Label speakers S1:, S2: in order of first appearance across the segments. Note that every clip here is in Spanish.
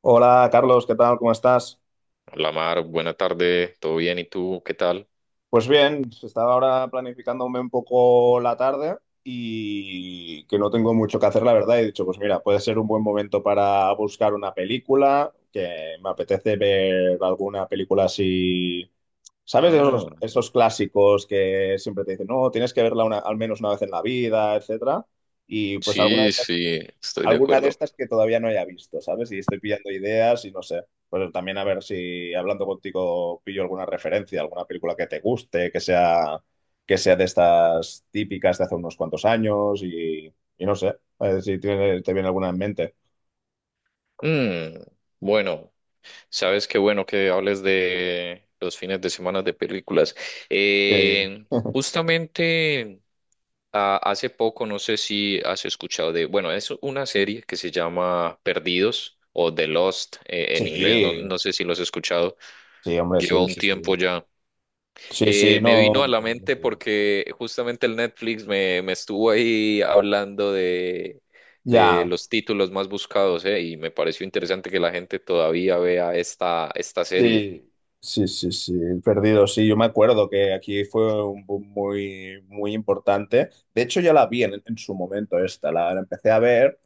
S1: Hola Carlos, ¿qué tal? ¿Cómo estás?
S2: Hola Mar, buena tarde, ¿todo bien? ¿Y tú qué tal?
S1: Pues bien, estaba ahora planificándome un poco la tarde y que no tengo mucho que hacer, la verdad. He dicho, pues mira, puede ser un buen momento para buscar una película, que me apetece ver alguna película así, ¿sabes?
S2: Ah,
S1: Esos clásicos que siempre te dicen, no, tienes que verla al menos una vez en la vida, etcétera. Y pues alguna de
S2: sí, sí, estoy de
S1: alguna de
S2: acuerdo.
S1: estas que todavía no haya visto, ¿sabes? Y estoy pillando ideas y no sé. Pues también a ver si hablando contigo pillo alguna referencia, alguna película que te guste, que sea de estas típicas de hace unos cuantos años y no sé, a ver si te viene alguna en mente.
S2: Mm, bueno, sabes qué bueno que hables de los fines de semana de películas.
S1: Eh,
S2: Eh, Justamente hace poco, no sé si has escuchado de, bueno, es una serie que se llama Perdidos o The Lost en inglés, no,
S1: sí,
S2: no sé si lo has escuchado,
S1: sí, hombre,
S2: lleva
S1: sí,
S2: un
S1: sí,
S2: tiempo
S1: sí.
S2: ya.
S1: Sí, sí,
S2: Me
S1: no.
S2: vino a la mente
S1: Sí.
S2: porque justamente el Netflix me estuvo ahí hablando de
S1: Ya.
S2: los títulos más buscados, y me pareció interesante que la gente todavía vea esta serie.
S1: Sí, sí, sí, sí, el perdido, sí, yo me acuerdo que aquí fue un boom muy, muy importante. De hecho, ya la vi en su momento esta, la empecé a ver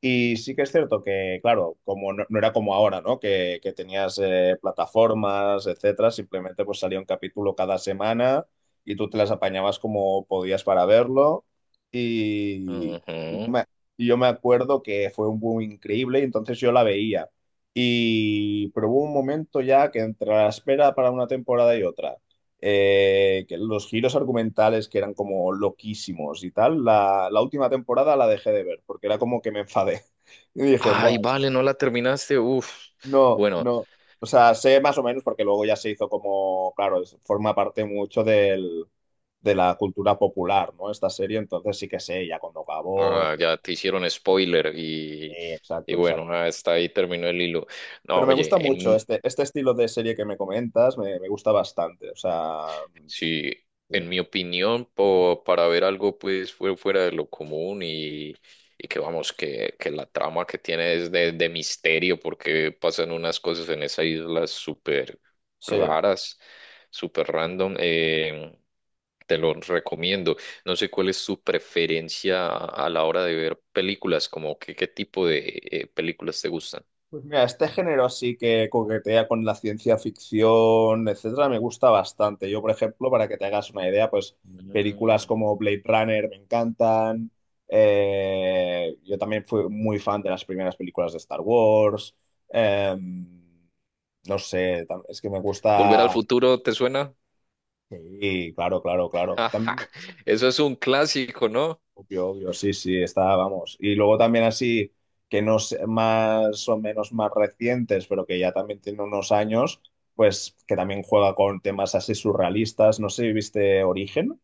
S1: y sí que es cierto que, claro, como no era como ahora, ¿no? Que tenías plataformas, etcétera, simplemente pues salía un capítulo cada semana y tú te las apañabas como podías para verlo y yo
S2: Ujú.
S1: me, y yo me acuerdo que fue un boom increíble y entonces yo la veía. Y, pero hubo un momento ya que entre la espera para una temporada y otra, que los giros argumentales que eran como loquísimos y tal, la última temporada la dejé de ver porque era como que me enfadé. Y dije,
S2: Ay,
S1: bueno,
S2: vale, no la terminaste. Uf.
S1: no,
S2: Bueno,
S1: no. O sea, sé más o menos porque luego ya se hizo como, claro, forma parte mucho de la cultura popular, ¿no? Esta serie, entonces sí que sé ya cuando acabó, etcétera.
S2: ya te hicieron spoiler y,
S1: Sí,
S2: y
S1: exacto,
S2: bueno,
S1: exacto.
S2: está ahí terminó el hilo. No,
S1: Pero me
S2: oye,
S1: gusta mucho este estilo de serie que me comentas, me gusta bastante. O sea,
S2: sí, en mi opinión, para ver algo pues fue fuera de lo común y que vamos, que la trama que tiene es de misterio porque pasan unas cosas en esa isla súper
S1: sí.
S2: raras, súper random. Te lo recomiendo. No sé cuál es tu preferencia a la hora de ver películas, como que, qué tipo de películas te gustan.
S1: Pues mira, este género así que coquetea con la ciencia ficción, etcétera, me gusta bastante. Yo, por ejemplo, para que te hagas una idea, pues películas
S2: Mm.
S1: como Blade Runner me encantan. Yo también fui muy fan de las primeras películas de Star Wars. Em, no sé, es que me
S2: ¿Volver al
S1: gusta.
S2: futuro te suena?
S1: Sí, claro, claro, claro.
S2: Ajá. Eso es un clásico, ¿no?
S1: Obvio, obvio, sí, sí, está, vamos. Y luego también así, que no sé, más o menos más recientes, pero que ya también tiene unos años, pues que también juega con temas así surrealistas. No sé si viste Origen.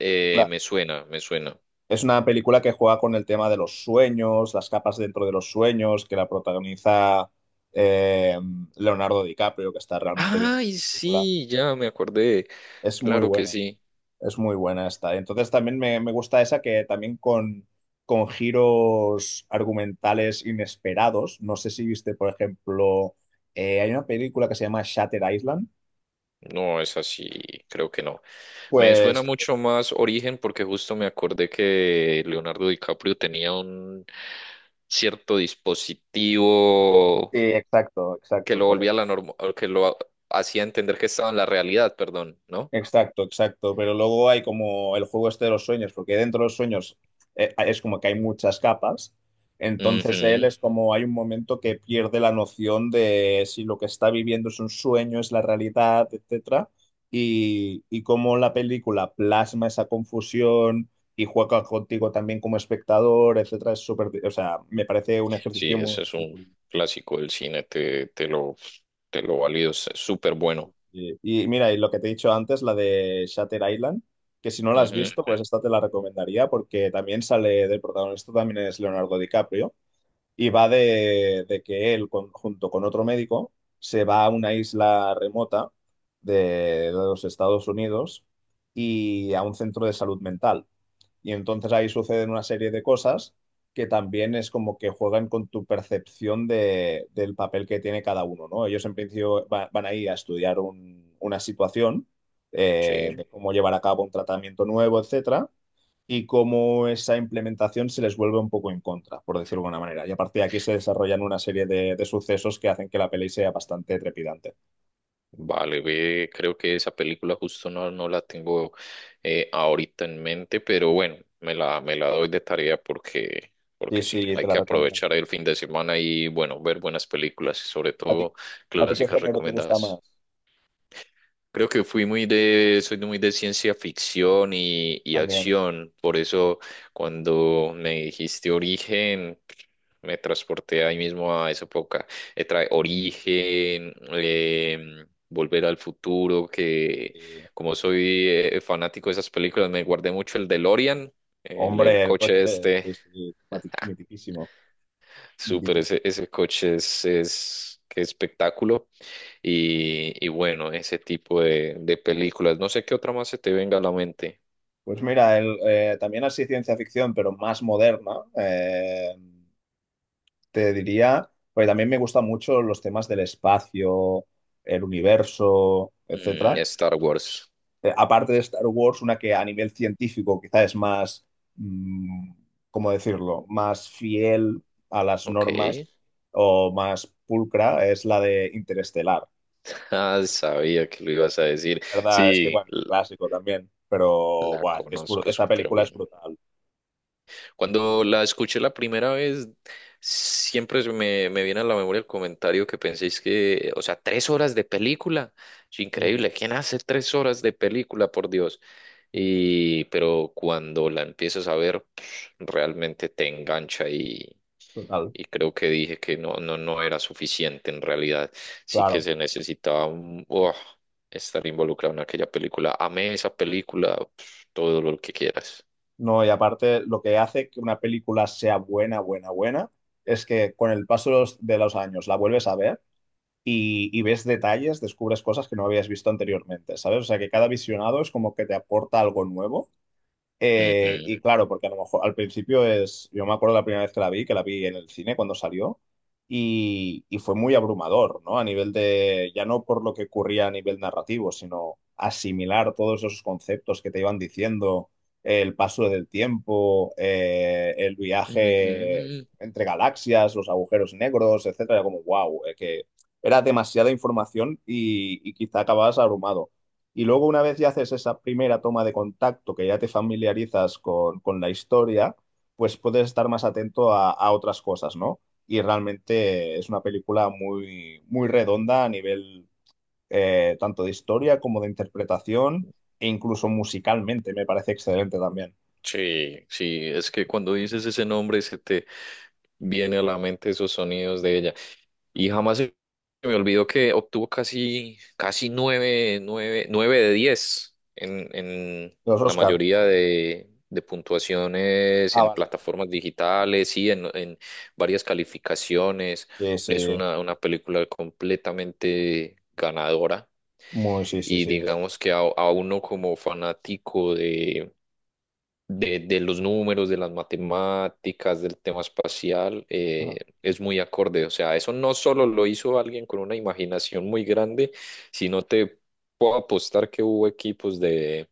S1: La-
S2: Me suena, me suena.
S1: es una película que juega con el tema de los sueños, las capas dentro de los sueños, que la protagoniza eh, Leonardo DiCaprio, que está realmente bien en
S2: Ay,
S1: esta película.
S2: sí, ya me acordé.
S1: Es muy
S2: Claro que
S1: buena.
S2: sí.
S1: Es muy buena esta. Entonces también me gusta esa que también con giros argumentales inesperados. No sé si viste, por ejemplo, hay una película que se llama Shatter Island.
S2: No, es así, creo que no. Me suena
S1: Pues
S2: mucho más Origen porque justo me acordé que Leonardo DiCaprio tenía un cierto dispositivo
S1: sí, exacto,
S2: que
S1: exacto,
S2: lo volvía
S1: correcto.
S2: a la norma, que lo hacía entender que estaba en la realidad, perdón, ¿no?
S1: Exacto, exacto. Pero luego hay como el juego este de los sueños, porque dentro de los sueños es como que hay muchas capas. Entonces él
S2: Ujú.
S1: es como hay un momento que pierde la noción de si lo que está viviendo es un sueño, es la realidad, etcétera. Y cómo la película plasma esa confusión y juega contigo también como espectador, etcétera, es súper, o sea, me parece un
S2: Sí,
S1: ejercicio muy,
S2: ese es
S1: muy
S2: un
S1: curioso.
S2: clásico del cine, te lo valido, es súper bueno.
S1: Y mira, y lo que te he dicho antes, la de Shutter Island, que si no la has
S2: Ujú.
S1: visto, pues esta te la recomendaría porque también sale del protagonista, también es Leonardo DiCaprio, y va de que él, junto con otro médico, se va a una isla remota de, de los Estados Unidos y a un centro de salud mental. Y entonces ahí suceden una serie de cosas que también es como que juegan con tu percepción de, del papel que tiene cada uno, ¿no? Ellos en principio van ahí a estudiar una situación, de
S2: Sí.
S1: cómo llevar a cabo un tratamiento nuevo, etcétera, y cómo esa implementación se les vuelve un poco en contra, por decirlo de alguna manera. Y a partir de aquí se desarrollan una serie de sucesos que hacen que la peli sea bastante trepidante.
S2: Vale, ve, creo que esa película justo no, no la tengo ahorita en mente, pero bueno, me la doy de tarea porque,
S1: Sí,
S2: porque sí,
S1: sí, te
S2: hay
S1: la
S2: que
S1: recomiendo.
S2: aprovechar el fin de semana y bueno, ver buenas películas, sobre
S1: ¿A ti,
S2: todo
S1: a ti qué
S2: clásicas
S1: género te gusta más?
S2: recomendadas. Creo que fui muy de, soy de- muy de ciencia ficción y
S1: También,
S2: acción, por eso cuando me dijiste origen, me transporté ahí mismo a esa época. Trae origen, Volver al futuro, que
S1: ¿eh?
S2: como soy fanático de esas películas, me guardé mucho el DeLorean, el
S1: Hombre, el
S2: coche
S1: coche,
S2: este.
S1: sí, sí, mitiquísimo,
S2: Súper,
S1: mitiquísimo.
S2: ese coche es qué espectáculo. Y bueno, ese tipo de películas. No sé qué otra más se te venga a la mente.
S1: Pues mira, también así ciencia ficción, pero más moderna, te diría, porque también me gustan mucho los temas del espacio, el universo, etcétera.
S2: Star Wars.
S1: Aparte de Star Wars, una que a nivel científico quizá es más, mm, ¿cómo decirlo?, más fiel a las
S2: Ok.
S1: normas o más pulcra, es la de Interestelar.
S2: Ah, sabía que lo ibas a decir.
S1: Verdad, es que
S2: Sí,
S1: bueno, es un clásico también, pero
S2: la
S1: buah, es que es
S2: conozco
S1: esta
S2: súper
S1: película es
S2: bien.
S1: brutal.
S2: Cuando la escuché la primera vez, siempre se me viene a la memoria el comentario que penséis que, o sea, 3 horas de película. Es
S1: Sí,
S2: increíble, ¿quién hace 3 horas de película, por Dios?
S1: sí, sí.
S2: Pero cuando la empiezas a ver, realmente te engancha y,
S1: Total,
S2: y creo que dije que no, no, no era suficiente en realidad. Sí
S1: claro.
S2: que se necesitaba oh, estar involucrado en aquella película. Amé esa película, todo lo que quieras.
S1: No, y aparte, lo que hace que una película sea buena, buena, buena, es que con el paso de de los años la vuelves a ver y ves detalles, descubres cosas que no habías visto anteriormente, ¿sabes? O sea, que cada visionado es como que te aporta algo nuevo.
S2: Ujú.
S1: Y claro, porque a lo mejor al principio es, yo me acuerdo la primera vez que la vi en el cine cuando salió, y fue muy abrumador, ¿no? A nivel de, ya no por lo que ocurría a nivel narrativo, sino asimilar todos esos conceptos que te iban diciendo, el paso del tiempo, el viaje
S2: Ujú.
S1: entre galaxias, los agujeros negros, etcétera, era como wow, que era demasiada información y quizá acababas abrumado. Y luego una vez ya haces esa primera toma de contacto, que ya te familiarizas con la historia, pues puedes estar más atento a otras cosas, ¿no? Y realmente es una película muy, muy redonda a nivel tanto de historia como de interpretación e incluso musicalmente me parece excelente también.
S2: Sí, sí, es que cuando dices ese nombre se te viene a la mente esos sonidos de ella. Y jamás se me olvidó que obtuvo casi, casi nueve de diez en
S1: Los
S2: la
S1: Oscars.
S2: mayoría de puntuaciones
S1: Ah,
S2: en
S1: vale.
S2: plataformas digitales y en varias calificaciones.
S1: Sí,
S2: Es
S1: sí.
S2: una película completamente ganadora.
S1: Muy, sí, sí,
S2: Y
S1: sí.
S2: digamos que a uno como fanático de los números, de las matemáticas, del tema espacial,
S1: Ajá.
S2: es muy acorde. O sea, eso no solo lo hizo alguien con una imaginación muy grande, sino te puedo apostar que hubo equipos de,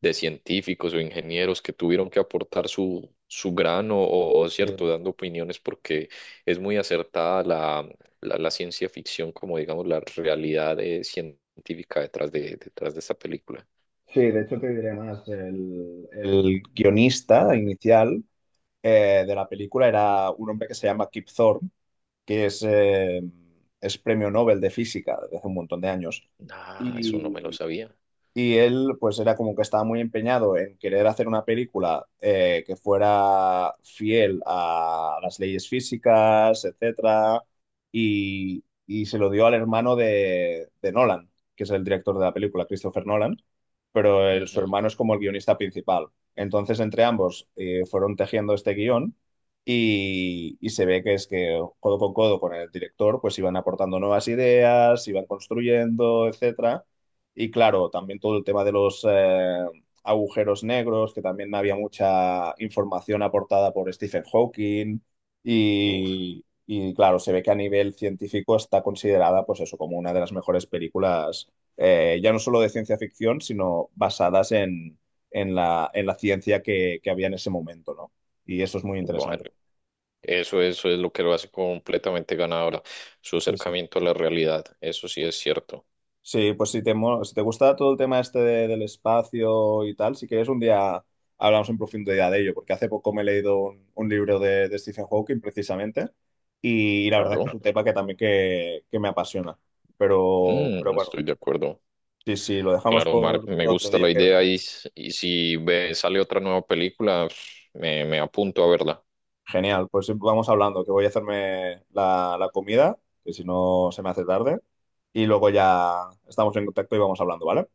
S2: de científicos o ingenieros que tuvieron que aportar su grano o cierto,
S1: Sí.
S2: dando opiniones porque es muy acertada la ciencia ficción como, digamos, la realidad científica detrás de esta película.
S1: Sí, de hecho te diré más, el guionista inicial de la película era un hombre que se llama Kip Thorne, que es premio Nobel de física desde hace un montón de años.
S2: Ah, eso no me lo
S1: Y
S2: sabía.
S1: y él, pues era como que estaba muy empeñado en querer hacer una película que fuera fiel a las leyes físicas, etcétera, y se lo dio al hermano de Nolan, que es el director de la película, Christopher Nolan, pero su
S2: Ujú.
S1: hermano es como el guionista principal. Entonces, entre ambos fueron tejiendo este guión y se ve que es que codo con el director, pues iban aportando nuevas ideas, iban construyendo, etcétera y claro, también todo el tema de los agujeros negros, que también había mucha información aportada por Stephen Hawking.
S2: Uf.
S1: Y, claro, se ve que a nivel científico está considerada, pues eso, como una de las mejores películas, ya no solo de ciencia ficción, sino basadas en la ciencia que había en ese momento, ¿no? Y eso es muy interesante.
S2: Bueno, eso es lo que lo hace completamente ganadora, su
S1: Sí, sí.
S2: acercamiento a la realidad, eso sí es cierto,
S1: Sí, pues si te, si te gusta todo el tema este del espacio y tal, si quieres un día hablamos en profundidad de ello, porque hace poco me he leído un libro de Stephen Hawking precisamente y, la verdad es que es
S2: claro.
S1: un tema que también que me apasiona. Pero bueno,
S2: Estoy de acuerdo.
S1: sí, sí, lo dejamos
S2: Claro, Mark, me
S1: por otro
S2: gusta
S1: día,
S2: la
S1: que
S2: idea y si sale otra nueva película, me apunto a verla.
S1: genial. Pues vamos hablando, que voy a hacerme la, la comida, que si no se me hace tarde, y luego ya estamos en contacto y vamos hablando, ¿vale?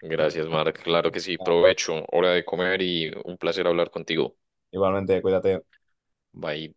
S2: Gracias, Mark, claro que sí,
S1: Ya,
S2: provecho, hora de comer y un placer hablar contigo.
S1: igualmente, cuídate.
S2: Bye.